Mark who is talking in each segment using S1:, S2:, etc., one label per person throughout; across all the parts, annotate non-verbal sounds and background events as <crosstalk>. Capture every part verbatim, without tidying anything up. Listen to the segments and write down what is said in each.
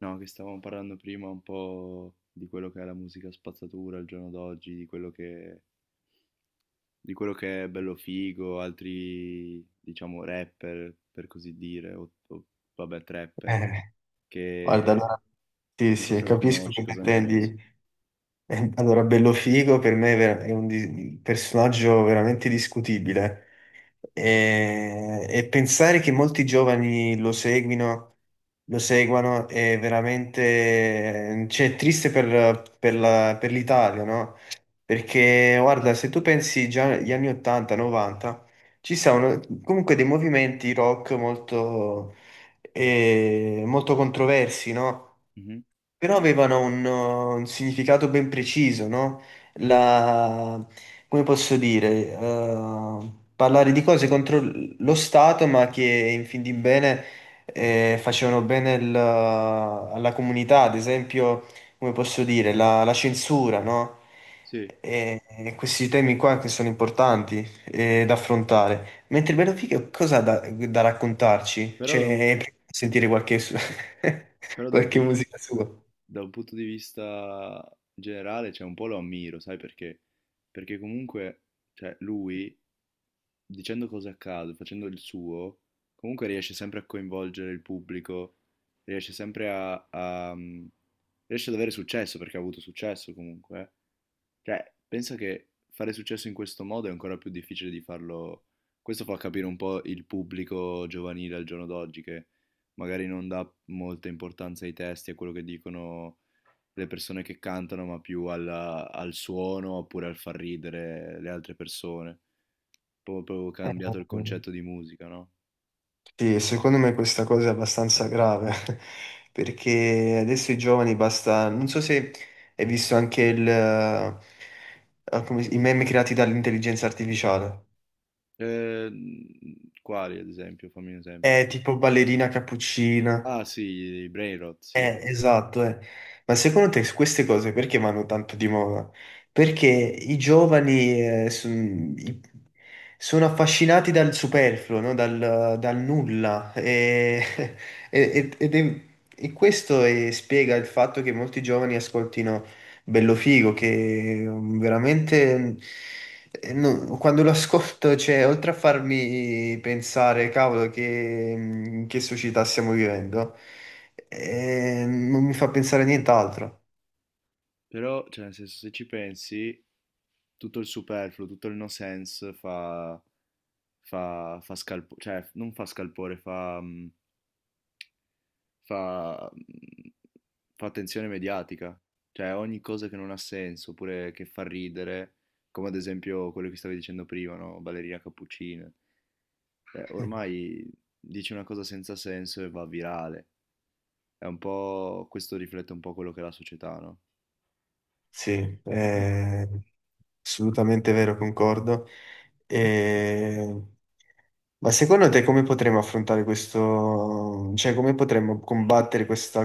S1: No, che stavamo parlando prima un po' di quello che è la musica spazzatura al giorno d'oggi, di quello che, di quello che è bello figo, altri, diciamo, rapper, per così dire, o, o, vabbè, trapper,
S2: Eh, guarda,
S1: che
S2: allora, sì,
S1: non so
S2: sì,
S1: se lo
S2: capisco che
S1: conosci, cosa ne pensi?
S2: intendi. Eh, Allora, Bellofigo per me è ver- è un di- personaggio veramente discutibile. E, e pensare che molti giovani lo seguino, lo seguano è veramente, cioè, è triste per, per la- per l'Italia, no? Perché, guarda, se tu pensi già agli anni ottanta, novanta, ci sono comunque dei movimenti rock molto, eh, molto controversi, no?
S1: Mhm.
S2: Però avevano un, uh, un significato ben preciso, no? La, come posso dire, eh, parlare di cose contro l- lo Stato, ma che in fin di bene eh, facevano bene il- uh, alla comunità, ad esempio, come posso dire, la, la censura, no?
S1: Sì,
S2: E, e questi temi qua che sono importanti eh, da affrontare. Mentre Benefica cosa ha da, da raccontarci?
S1: però, da, un-
S2: Cioè, sentire qualche, su- <laughs>
S1: però da un
S2: qualche
S1: pun-
S2: musica sua.
S1: da un punto di vista generale, cioè, un po' lo ammiro, sai perché? Perché comunque, cioè, lui... dicendo cose a caso, facendo il suo, comunque riesce sempre a coinvolgere il pubblico, riesce sempre a, a- mm, riesce ad avere successo perché ha avuto successo comunque. Eh. Cioè, penso che fare successo in questo modo è ancora più difficile di farlo. Questo fa capire un po' il pubblico giovanile al giorno d'oggi che magari non dà molta importanza ai testi, a quello che dicono le persone che cantano, ma più alla- al suono oppure al far ridere le altre persone. Po proprio
S2: Eh,
S1: cambiato il concetto di musica, no?
S2: Sì, secondo me questa cosa è abbastanza grave <laughs> perché adesso i giovani basta, non so se hai visto anche il, eh, ah, come si- i meme creati dall'intelligenza artificiale,
S1: Ehm, quali ad esempio? Fammi un esempio.
S2: è tipo ballerina cappuccina,
S1: Ah sì, i Brainrot, sì.
S2: eh, esatto, eh. Ma secondo te queste cose perché vanno tanto di moda? Perché i giovani eh, son- i- sono affascinati dal superfluo, no? Dal, dal nulla. E, ed è- e questo eh, spiega il fatto che molti giovani ascoltino Bello Figo, che mm, veramente eh, no- quando lo ascolto, cioè, oltre a farmi pensare, cavolo, che, mm, che società stiamo vivendo, eh, non mi fa pensare a nient'altro.
S1: Però, cioè, nel senso, se ci pensi, tutto il superfluo, tutto il no sense fa, fa, fa scalpo- cioè, non fa scalpore, fa, mm, fa, mm, fa attenzione mediatica. Cioè, ogni cosa che non ha senso, oppure che fa ridere, come ad esempio quello che stavi dicendo prima, no? Ballerina cappuccina. Cioè, ormai dici una cosa senza senso e va virale. È un po', questo riflette un po' quello che è la società, no?
S2: Sì, è assolutamente vero, concordo. E- Ma secondo te come potremmo affrontare questo, cioè come potremmo combattere questa,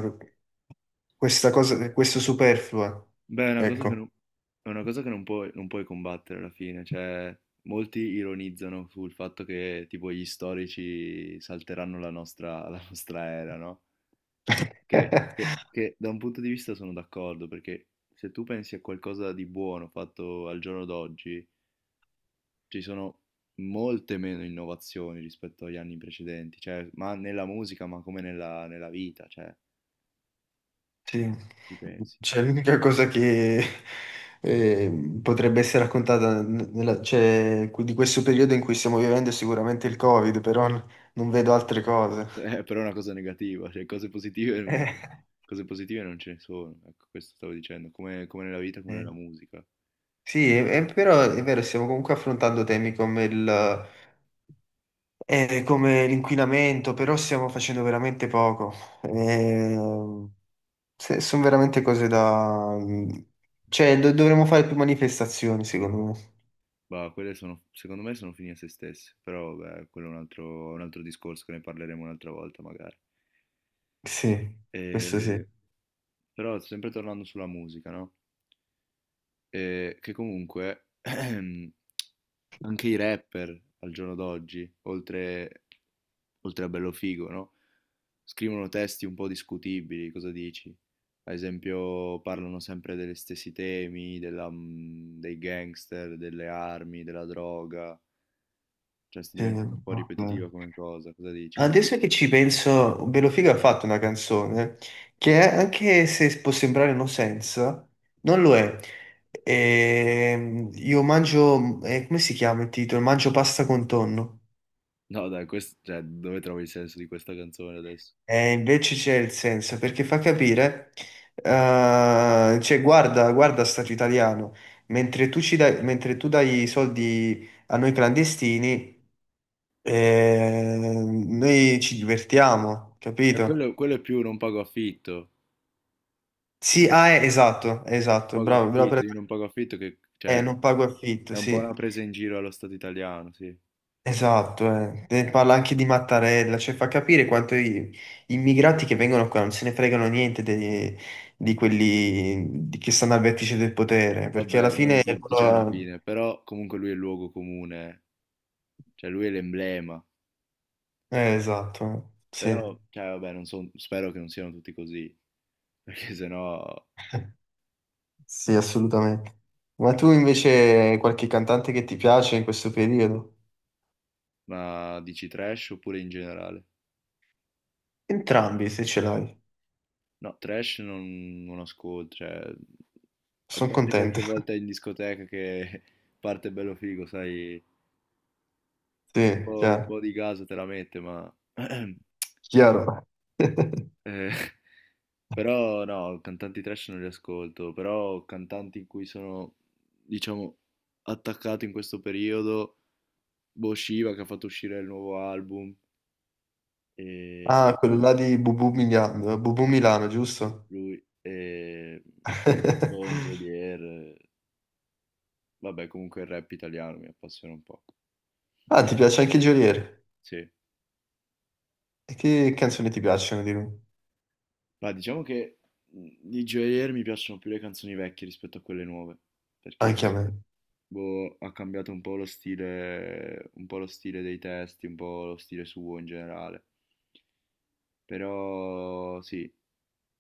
S2: questa cosa, questo superfluo?
S1: Beh, è una cosa che non,
S2: Ecco.
S1: è una cosa che non puoi, non puoi combattere alla fine, cioè molti ironizzano sul fatto che tipo gli storici salteranno la nostra, la nostra era, no? Che, che-
S2: <laughs>
S1: che da un punto di vista sono d'accordo, perché se tu pensi a qualcosa di buono fatto al giorno d'oggi, ci sono molte meno innovazioni rispetto agli anni precedenti, cioè, ma nella musica, ma come nella, nella vita, cioè,
S2: Sì,
S1: ci pensi.
S2: cioè
S1: <laughs>
S2: l'unica cosa che eh, potrebbe essere raccontata n- nella- cioè, di questo periodo in cui stiamo vivendo è sicuramente il Covid, però n- non vedo altre cose.
S1: Eh, però è una cosa negativa, cioè, cose positive, non-
S2: <laughs>
S1: cose positive non ce ne sono, ecco, questo stavo dicendo, come, come nella vita, come nella
S2: Eh,
S1: musica.
S2: Sì, è, è- però è vero, stiamo comunque affrontando temi come il, eh, come l'inquinamento, però stiamo facendo veramente poco. Ehm, se- sono veramente cose da... Cioè, do- dovremmo fare più manifestazioni, secondo me.
S1: Bah, quelle sono, secondo me sono fini a se stesse, però beh, quello è un altro, un altro discorso che ne parleremo un'altra volta magari.
S2: Sì, questo sì.
S1: E- Però sempre tornando sulla musica, no? E che comunque <clears throat> anche i rapper al giorno d'oggi, oltre, oltre a bello figo, no? Scrivono testi un po' discutibili, cosa dici? Ad esempio, parlano sempre degli stessi temi, della, mm, dei gangster, delle armi, della droga. Cioè, sta
S2: Sì,
S1: diventando un po'
S2: vabbè.
S1: ripetitiva come cosa, cosa dici?
S2: Adesso che ci penso, Belofiga ha fatto una canzone che anche se può sembrare no senso, non lo è. Ehm, io mangio, eh, come si chiama il titolo? Mangio pasta con tonno.
S1: No, dai, questo, cioè, dove trovi il senso di questa canzone adesso?
S2: E invece c'è il senso, perché fa capire, eh, cioè guarda, guarda stato italiano, mentre tu, ci dai, mentre tu dai i soldi a noi clandestini, eh, noi ci divertiamo,
S1: Eh,
S2: capito?
S1: quello, quello è più non pago affitto, non
S2: Sì, ah, eh, esatto, esatto,
S1: pago
S2: bravo, bravo.
S1: affitto,
S2: Per-
S1: io non pago affitto che, cioè,
S2: Eh, non pago affitto,
S1: è un po'
S2: sì,
S1: una presa in giro allo Stato italiano, sì.
S2: esatto. eh. Eh, Parla anche di Mattarella, cioè fa capire quanto i- gli immigrati che vengono qua non se ne fregano niente dei- di quelli di- che stanno al vertice del potere, perché alla
S1: Vabbè, non
S2: fine...
S1: tutti, cioè alla
S2: loro-
S1: fine, però comunque lui è il luogo comune, cioè lui è l'emblema,
S2: Eh, esatto, eh, sì,
S1: però, cioè vabbè, non so, spero che non siano tutti così, <laughs> perché sennò,
S2: sì, assolutamente. Ma tu invece hai qualche cantante che ti piace in questo periodo?
S1: ma dici trash oppure in generale?
S2: Entrambi, se ce l'hai.
S1: No, trash non, non ascolto, cioè, a
S2: Sono
S1: parte
S2: contento.
S1: qualche
S2: <laughs>
S1: volta in discoteca che <laughs> parte bello figo, sai, che un
S2: Sì,
S1: po', un
S2: chiaro.
S1: po' di gas te la mette, ma <clears throat>
S2: Chiaro. <laughs>
S1: eh, <laughs> però no, cantanti trash non li ascolto, però cantanti in cui sono, diciamo, attaccato in questo periodo, boh, Shiva che ha fatto uscire il nuovo album, e
S2: Ah, quello là di Bubu Milano, Bubu Milano,
S1: sì,
S2: giusto?
S1: lui, e Bon
S2: <laughs>
S1: Geolier, eh, vabbè comunque il rap italiano mi appassiona un po',
S2: Ah, ti piace anche Geolier?
S1: sì.
S2: E che canzoni ti piacciono di lui?
S1: Ma diciamo che mh, di Joyeux mi piacciono più le canzoni vecchie rispetto a quelle nuove, perché
S2: Anche a me.
S1: boh, ha cambiato un po' lo stile, un po' lo stile dei testi, un po' lo stile suo in generale. Però sì,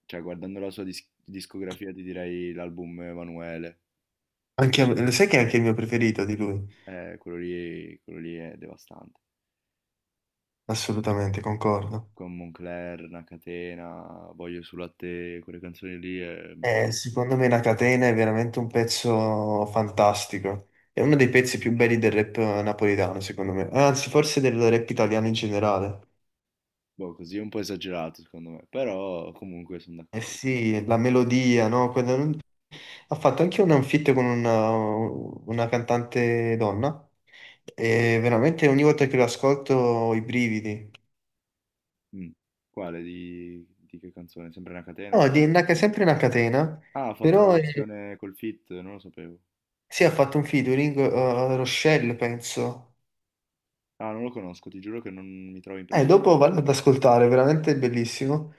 S1: cioè guardando la sua dis- discografia ti direi l'album Emanuele,
S2: Anche a me. Lo sai che è anche il mio preferito di lui?
S1: eh, quello lì, quello lì è devastante.
S2: Assolutamente, concordo.
S1: Con Moncler, Una catena, Voglio sul latte, quelle canzoni lì, è,
S2: Eh, secondo me La Catena è veramente un pezzo fantastico. È uno dei pezzi più belli del rap eh, napoletano, secondo me. Anzi, forse del rap italiano in generale.
S1: boh, così è un po' esagerato secondo me, però comunque sono
S2: Eh
S1: d'accordo.
S2: sì, la melodia, no? Quella non- Ha fatto anche un feat con una, una cantante donna e veramente ogni volta che lo ascolto ho i brividi.
S1: Mh. Quale? Di di che canzone? Sempre una catena?
S2: No, di una, sempre una catena,
S1: Ah, ha fatto la
S2: però eh,
S1: versione col feat, non lo sapevo.
S2: sì, ha fatto un featuring eh, Rochelle, penso.
S1: Ah, non lo conosco, ti giuro che non mi trovo
S2: Eh,
S1: impreparato.
S2: dopo vado ad ascoltare, veramente bellissimo.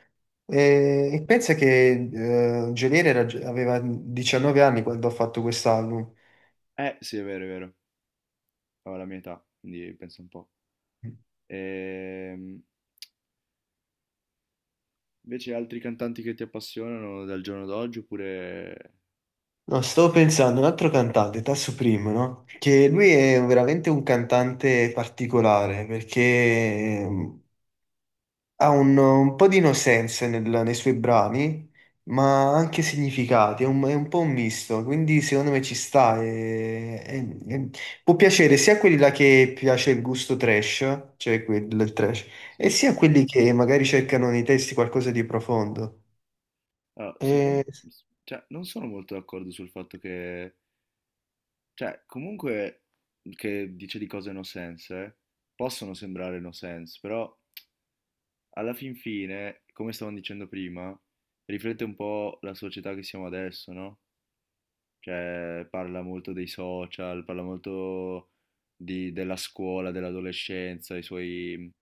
S2: E, e pensa che eh, Geolier era- aveva diciannove anni quando ha fatto quest'album.
S1: Eh, sì è vero, è vero. Aveva la mia età, quindi pensa un po'. Ehm, Invece altri cantanti che ti appassionano dal giorno d'oggi oppure
S2: No, stavo pensando, un altro cantante, Tasso Primo, no? Che lui è veramente un cantante particolare perché ehm, ha un, un po' di innocenza nel- nei suoi brani, ma anche significati, è un, è un po' un misto, quindi secondo me ci sta. e- e- e può piacere sia a quelli là che piace il gusto trash, cioè quel del trash, e
S1: sì?
S2: sia a quelli che magari cercano nei testi qualcosa di profondo.
S1: Allora, secon
S2: E-
S1: s cioè non sono molto d'accordo sul fatto che cioè comunque che dice di cose no sense, eh, possono sembrare no sense, però alla fin fine, come stavamo dicendo prima, riflette un po' la società che siamo adesso, no? Cioè, parla molto dei social, parla molto di- della scuola, dell'adolescenza, i suoi,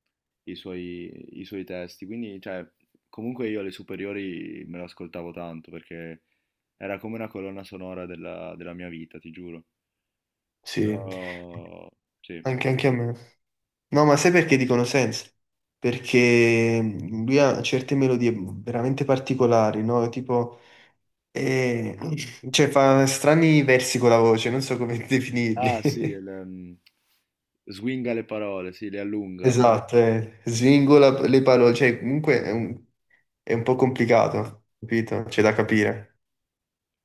S1: i suoi, i suoi testi. Quindi, cioè, comunque io alle superiori me lo ascoltavo tanto perché era come una colonna sonora della, della mia vita, ti giuro.
S2: sì,
S1: Però, sì.
S2: anche anche a me. No, ma sai perché dicono sense? Perché mm, lui ha certe melodie veramente particolari, no? Tipo, eh, cioè fa strani versi con la voce, non so come <laughs>
S1: Ah, sì,
S2: definirli.
S1: il, ehm, swinga le parole, sì, le allunga.
S2: Esatto, eh. Svingola le parole, cioè comunque è un, è un po' complicato, capito? C'è da capire.